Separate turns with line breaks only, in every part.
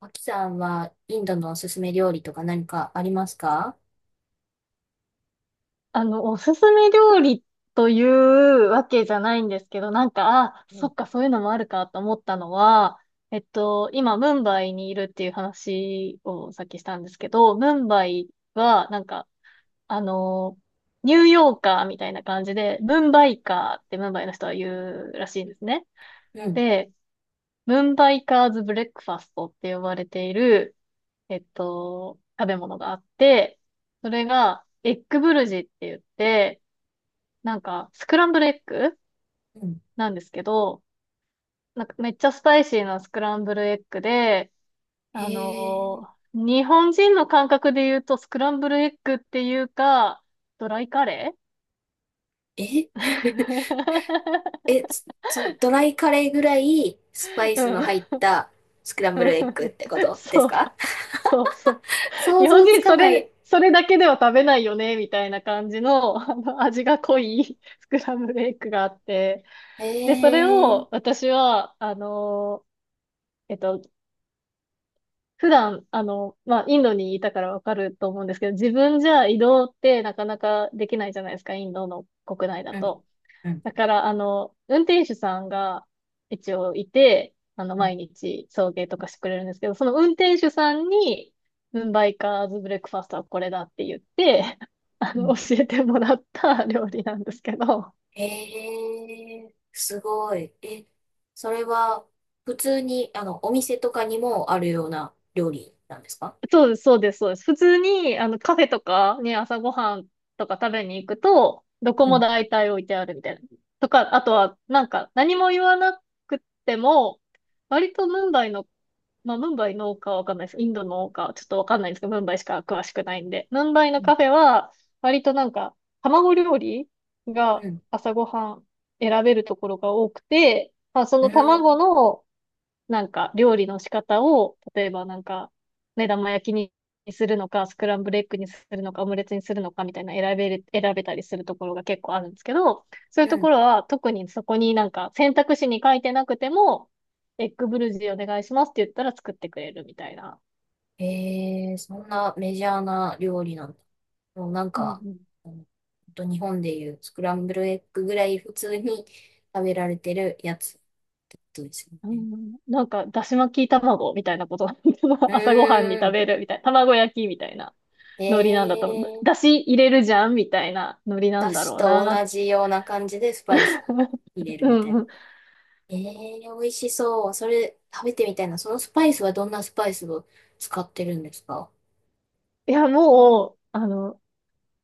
マキさんはインドのおすすめ料理とか何かありますか？
おすすめ料理というわけじゃないんですけど、なんか、あ、
う
そ
ん。
っか、そういうのもあるかと思ったのは、今、ムンバイにいるっていう話をさっきしたんですけど、ムンバイは、なんか、あの、ニューヨーカーみたいな感じで、ムンバイカーってムンバイの人は言うらしいんですね。
うん。
で、ムンバイカーズブレックファストって呼ばれている、食べ物があって、それが、エッグブルジって言って、なんか、スクランブルエッグ
うん。
なんですけど、なんかめっちゃスパイシーなスクランブルエッグで、
へえ。
日本人の感覚で言うとスクランブルエッグっていうか、ドライカレ
え、 え、そのドライカレーぐらいスパイス
ー
の
うん。
入ったスクランブ
う
ル
ん、
エッグってことです
そう、
か？
そうそう。
想
日本
像つ
人
か
そ
な
れ、
い。
それだけでは食べないよね、みたいな感じの、あの味が濃いスクランブルエッグがあって、
へ
で、それ
え。
を私は、ーえっと、普段、まあ、インドにいたからわかると思うんですけど、自分じゃ移動ってなかなかできないじゃないですか、インドの国内だ
うん。
と。
うん。
だから、運転手さんが一応いて、
うん。
毎日送迎とかしてくれるんですけど、その運転手さんに、ムンバイカーズブレックファーストはこれだって言って、
うん。
教えてもらった料理なんですけど、
へえ。すごい。え、それは普通にあのお店とかにもあるような料理なんですか？
そうです、そうです、そうです。普通に、カフェとかね、朝ごはんとか食べに行くと、どこ
う
も
ん。
大体置いてあるみたいな。とか、あとは、なんか、何も言わなくても、割とムンバイの、まあ、ムンバイのかわかんないです。インドのか、ちょっとわかんないんですけど、ムンバイしか詳しくないんで。ムンバイの
うん。
カフェは、割となんか、卵料理が
うん。
朝ごはん選べるところが多くて、まあ、そ
う
の卵
ん。
の、なんか料理の仕方を、例えばなんか、目玉焼きにするのか、スクランブルエッグにするのか、オムレツにするのかみたいな選べたりするところが結構あるんですけど、そういう
う
と
ん。
ころは特にそこになんか選択肢に書いてなくても、エッグブルジーお願いしますって言ったら作ってくれるみたいな。
えー、そんなメジャーな料理なんだ。もうなん
うんう
か、
ん。
うん、ほんと日本でいうスクランブルエッグぐらい普通に食べられてるやつってことですよ
う
ね。
ん、なんか、だし巻き卵みたいなこと。
う
朝ごはんに
ー
食
ん。
べるみたいな。卵焼きみたいな。
え
ノリなんだと思う。だ
ー、
し入れるじゃんみたいなノリな
だ
んだ
し
ろう
と
なっ
同じような感じでスパイスを 入れる
う
みたい
ん
な。
うん。
えー、美味しそう。それ食べてみたいな。そのスパイスはどんなスパイスを使ってるんですか？
いや、もう、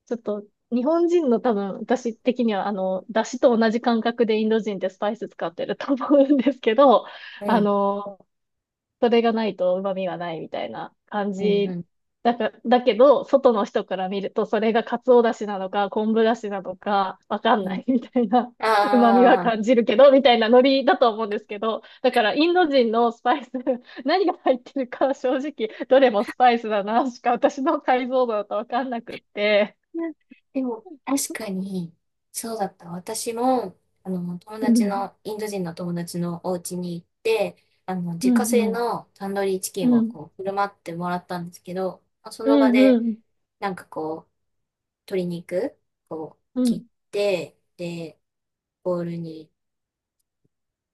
ちょっと、日本人の多分、私的には、だしと同じ感覚でインド人ってスパイス使ってると思うんですけど、
う
あ
ん。
の、それがないと旨味はないみたいな感
うんう
じ
ん。
だけど、外の人から見ると、それが鰹だしなのか、昆布だしなのか、わかん
う
な
ん。
いみたいな、旨味は
あ
感
あ。
じるけど、みたいなノリだと思うんですけど、だからインド人のスパイス、何が入ってるか正直、どれもスパイスだな、しか私の解像度だとわかんなくって。
いや、でも、確かに、そうだった。私も、友
う
達
ん、
の、インド人の友達のお家に行って、
う
自家
ん、
製
うん、
のタンドリーチキンを
うん、
こう、振る舞ってもらったんですけど、まあその場
うん、
で、
うん、
なんかこう、鶏肉を
うん、う
切
ん、
って、で、ボウルに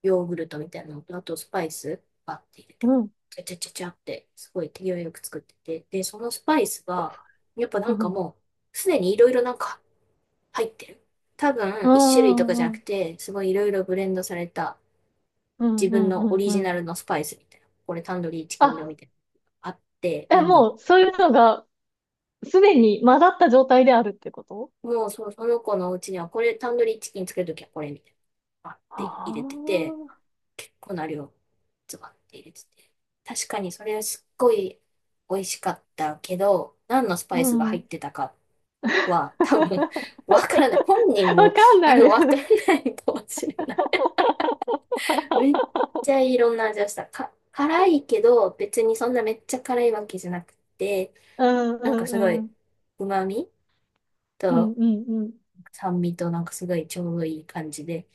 ヨーグルトみたいなのと、あとスパイス、バッて入れ
う
て、
ん、
ちゃちゃちゃちゃって、すごい手際よく作ってて、で、そのスパイスが、やっぱな
う
んか
ん、
もう、すでにいろいろなんか入ってる。多
う
分、一種類とかじゃ
ん、う
なく
ん、
て、すごいいろいろブレンドされた
うん、
自分
う
のオ
ん、
リ
う
ジナ
ん。
ルのスパイスみたいな。これタンドリーチキン用
あ、
みたいなのがあって、
え、
瓶に。
もう、そういうのが、すでに混ざった状態であるってこと？
もうその子のうちには、これタンドリーチキン作るときはこれみたいな、あって入れてて、
あ
結構な量、ズバって入れてて。確かにそれはすっごい美味しかったけど、何のス
あ
パ
ー、
イ
う
スが
ん。
入
わ
ってたかは、多分、わからない。本人も、
かんない。
わからないかもしれない。めっちゃいろんな味をした。辛いけど、別にそんなめっちゃ辛いわけじゃなくて、
うん
なんか
う
すご
んう
い、
ん。
旨味
うん
と
うんうん。
酸味となんかすごいちょうどいい感じで、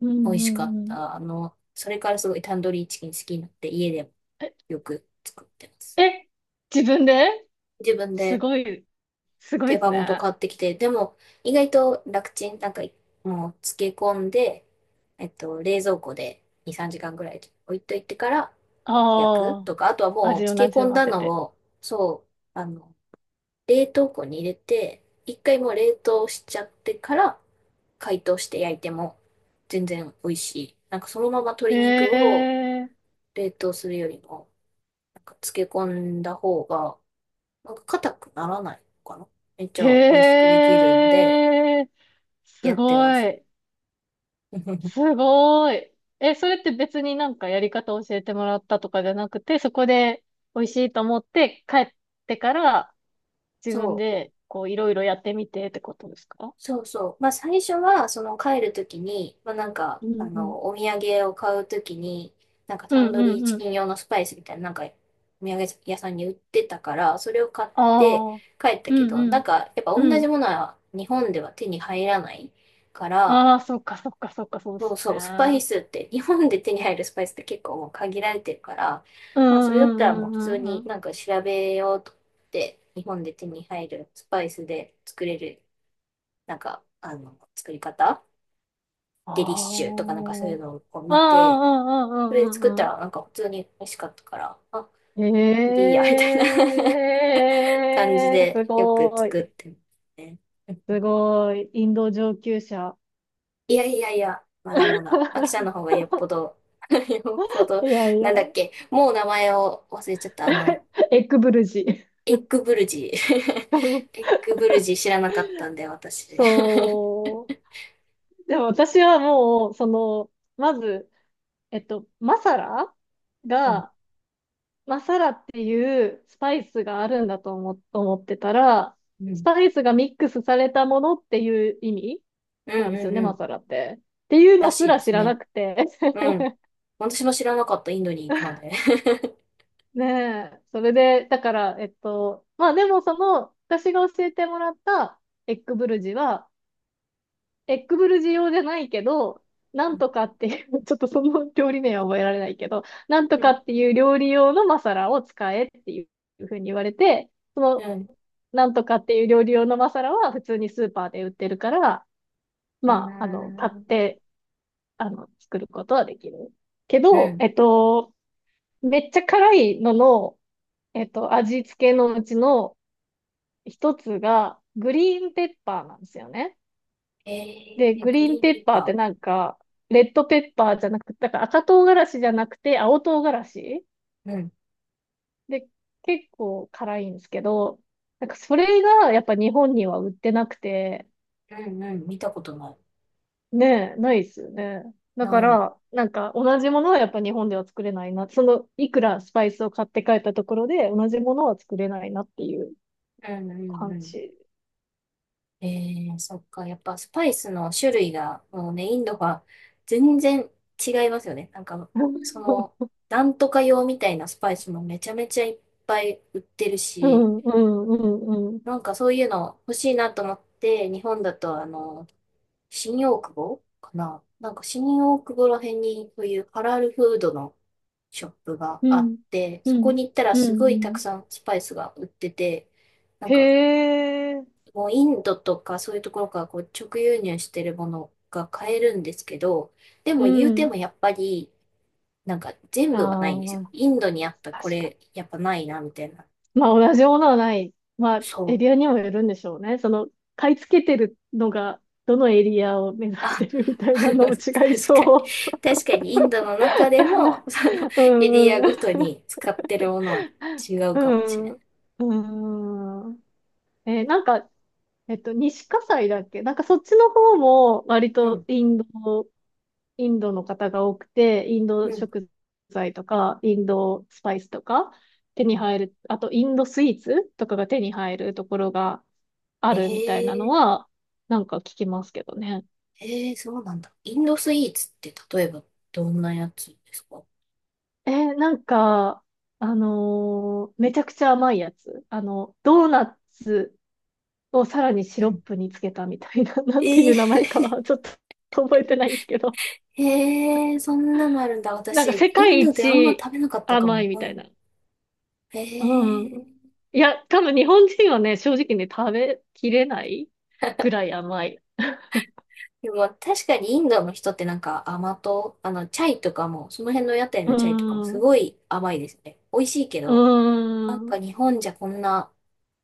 う
美味
んう
しか
ん
っ
うん。
た。それからすごいタンドリーチキン好きになって、家でもよく作ってます。
え、え、自分で
自分
す
で
ごい、すごい
手
です
羽
ね。
元
あ
買ってきて、でも意外と楽ちん、なんかもう漬け込んで、冷蔵庫で2、3時間ぐらい置いといてから、薬
あ、
とか、あとはもう
味を
漬
な
け
じ
込ん
ま
だ
せ
の
て。
を、そう、冷凍庫に入れて、一回もう冷凍しちゃってから解凍して焼いても全然美味しい。なんかそのまま
へ
鶏肉を
え、
冷凍するよりも、なんか漬け込んだ方が、なんか硬くならないのかな。めっちゃ美味しく
へ
できるんで、
え、
や
す
ってま
ご
す。
い。す ごい。え、それって別になんかやり方教えてもらったとかじゃなくて、そこで美味しいと思って帰ってから自
そ
分
う。
でこういろいろやってみてってことですか？
そうそう。まあ最初は、その帰るときに、まあなんか、
うんうん。
お土産を買うときに、なんか
う
タ
ん
ンド
う
リー
ん
チ
うん。
キン用のスパイスみたいな、なんか、お土産屋さんに売ってたから、それを買って
ああ。
帰った
う
け
ん
ど、
う
なん
ん。
か、やっぱ同
う
じ
ん。
ものは日本では手に入らないから、
ああ、そっかそっかそっか、そうで
そう
す
そ
ね。
う、スパイスって、日本で手に入るスパイスって結構もう限られてるから、
う
まあそ
ん
れだったらもう
うん
普
う
通
んうん
に
うん。
なんか調べようと思って、日本で手に入るスパイスで作れるなんか、作り方デリッシュ
あ
とかなんかそういうのをこう
あ。
見
ああ、
て、
うんう
それで
んうんう
作っ
んう
た
ん。
らなんか普通に美味しかったから、あ、でいい
え、
や、みたいな 感じ
えー、す
でよく
ご
作っ
い。
てますね。
すごい。インド上級者。
いやいやいや、まだまだ、あきさんの方 がよっぽど よっぽど、
いやい
な
や。
んだっけ、もう名前を忘れちゃった、
エッグブルジ。
エッグブルジー。エッグブルジー知らなかったんで、私。
そう。でも私はもう、その、まず、マサラ
うん、
が、マサラっていうスパイスがあるんだと思ってたら、
う
ス
ん、
パイスがミックスされたものっていう意味
う
な
ん、
んで
う
すよ
ん、
ね、
う
マ
ん、
サラって。っていう
ら
のす
しいで
ら知
す
らな
ね。
くて。
うん。私も知らなかった、インドに行くまで。
ねえ、それで、だから、まあでもその、私が教えてもらったエッグブルジは、エッグブルジ用じゃないけど、な
う
ん
ん。
とかっていう、ちょっとその料理名は覚えられないけど、なんと
う
か
ん。
っていう料理用のマサラを使えっていうふうに言われて、なんとかっていう料理用のマサラは普通にスーパーで売ってるから、
う
まあ、買っ
ん。
て、作ることはできる。け
う
ど、
ん。
めっちゃ辛いのの、味付けのうちの、一つが、グリーンペッパーなんですよね。
え
で、
ー、
グ
グ
リーン
リーン
ペ
ペッ
ッパーって
パ
なんか、レッドペッパーじゃなくて、だから赤唐辛子じゃなくて青唐辛子
ー。うん。
で、結構辛いんですけど、なんかそれがやっぱ日本には売ってなくて、
うんうん。見たことない。
ねえ、ないですよね。だか
ない。
ら、なんか同じものはやっぱ日本では作れないな。その、いくらスパイスを買って帰ったところで同じものは作れないなっていう
うんうんう
感
ん。
じ。
えー、そっか。やっぱスパイスの種類が、もうね、インドは全然違いますよね。なんか、その、なんとか用みたいなスパイスもめちゃめちゃいっぱい売ってる
う
し、
んうんうんうん
なんかそういうの欲しいなと思って、日本だと新大久保かな、なんか新大久保ら辺にそういうハラルフードのショップが
う
あっ
ん、
て、
う
そこ
ん、
に行ったら
うん、
すご
う
いたく
ん。
さんスパイスが売ってて、なんか
へえ、
もうインドとかそういうところからこう直輸入してるものが買えるんですけど、でも
う
言うて
ん。
もやっぱりなんか全部はないんですよ。
ああ、
インドにあったこ
確か
れやっぱないなみたいな。
に。まあ、同じものはない。まあ、
そ
エ
う。
リアにもよるんでしょうね。その、買い付けてるのが、どのエリアを目指し
あ、
てるみた いなのも違い
確かに。
そう。
確かにインドの中でも、その
う
エリ
ん、
ア
う
ご
ん、
とに使ってるものは違うかもしれない。
うん。うん。えーなんか、西葛西だっけ、なんかそっちの方も割
う
と
ん、
インドの方が多くて、インド
うん、
食材とか、インドスパイスとか手
う
に
ん。
入る、あとインドスイーツとかが手に入るところがあ
え
るみたいなの
ー、
は、なんか聞きますけどね。
えー、そうなんだ。インドスイーツって例えばどんなやつですか？
えーなんか、めちゃくちゃ甘いやつ。あの、ドーナツをさらにシ
う
ロッ
ん。
プにつけたみたいな、なんて
え
いう
ー、
名前かはちょっと覚えてないんですけど。
えー、そんなのあるんだ。
なんか
私、イ
世
ン
界
ドであんま
一
食べなかったか
甘
も。
いみ
う
たい
ん。
な。
え
うん。
ー
いや、多分日本人はね、正直ね、食べきれないぐらい甘い。
でも確かにインドの人ってなんか甘党、チャイとかも、その辺の屋台
う
のチャイとかもす
ん。
ごい甘いですね。美味しいけど、
う
なんか
ん。
日本じゃこんな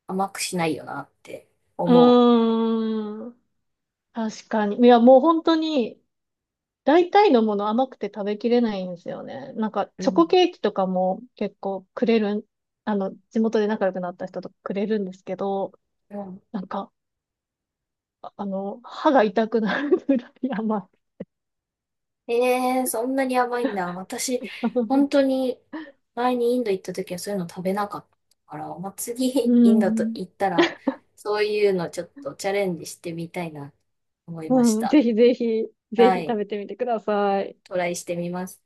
甘くしないよなって思
うん。確かに。いや、もう本当に、大体のもの甘くて食べきれないんですよね。なんか、
う。う
チョコ
ん。
ケーキとかも結構くれるん、あの、地元で仲良くなった人とかくれるんですけど、
うん。
なんか、あの、歯が痛くなるぐらい甘い。
えー、そんなに甘いんだ。私、本当 に前にインド行った時はそういうの食べなかったから、まあ、次
う
インドと
ん。
行ったら、そういうのちょっとチャレンジしてみたいなと思いまし
うん。ぜ
た。
ひぜひ、ぜ
は
ひ食
い。
べてみてください。
トライしてみます。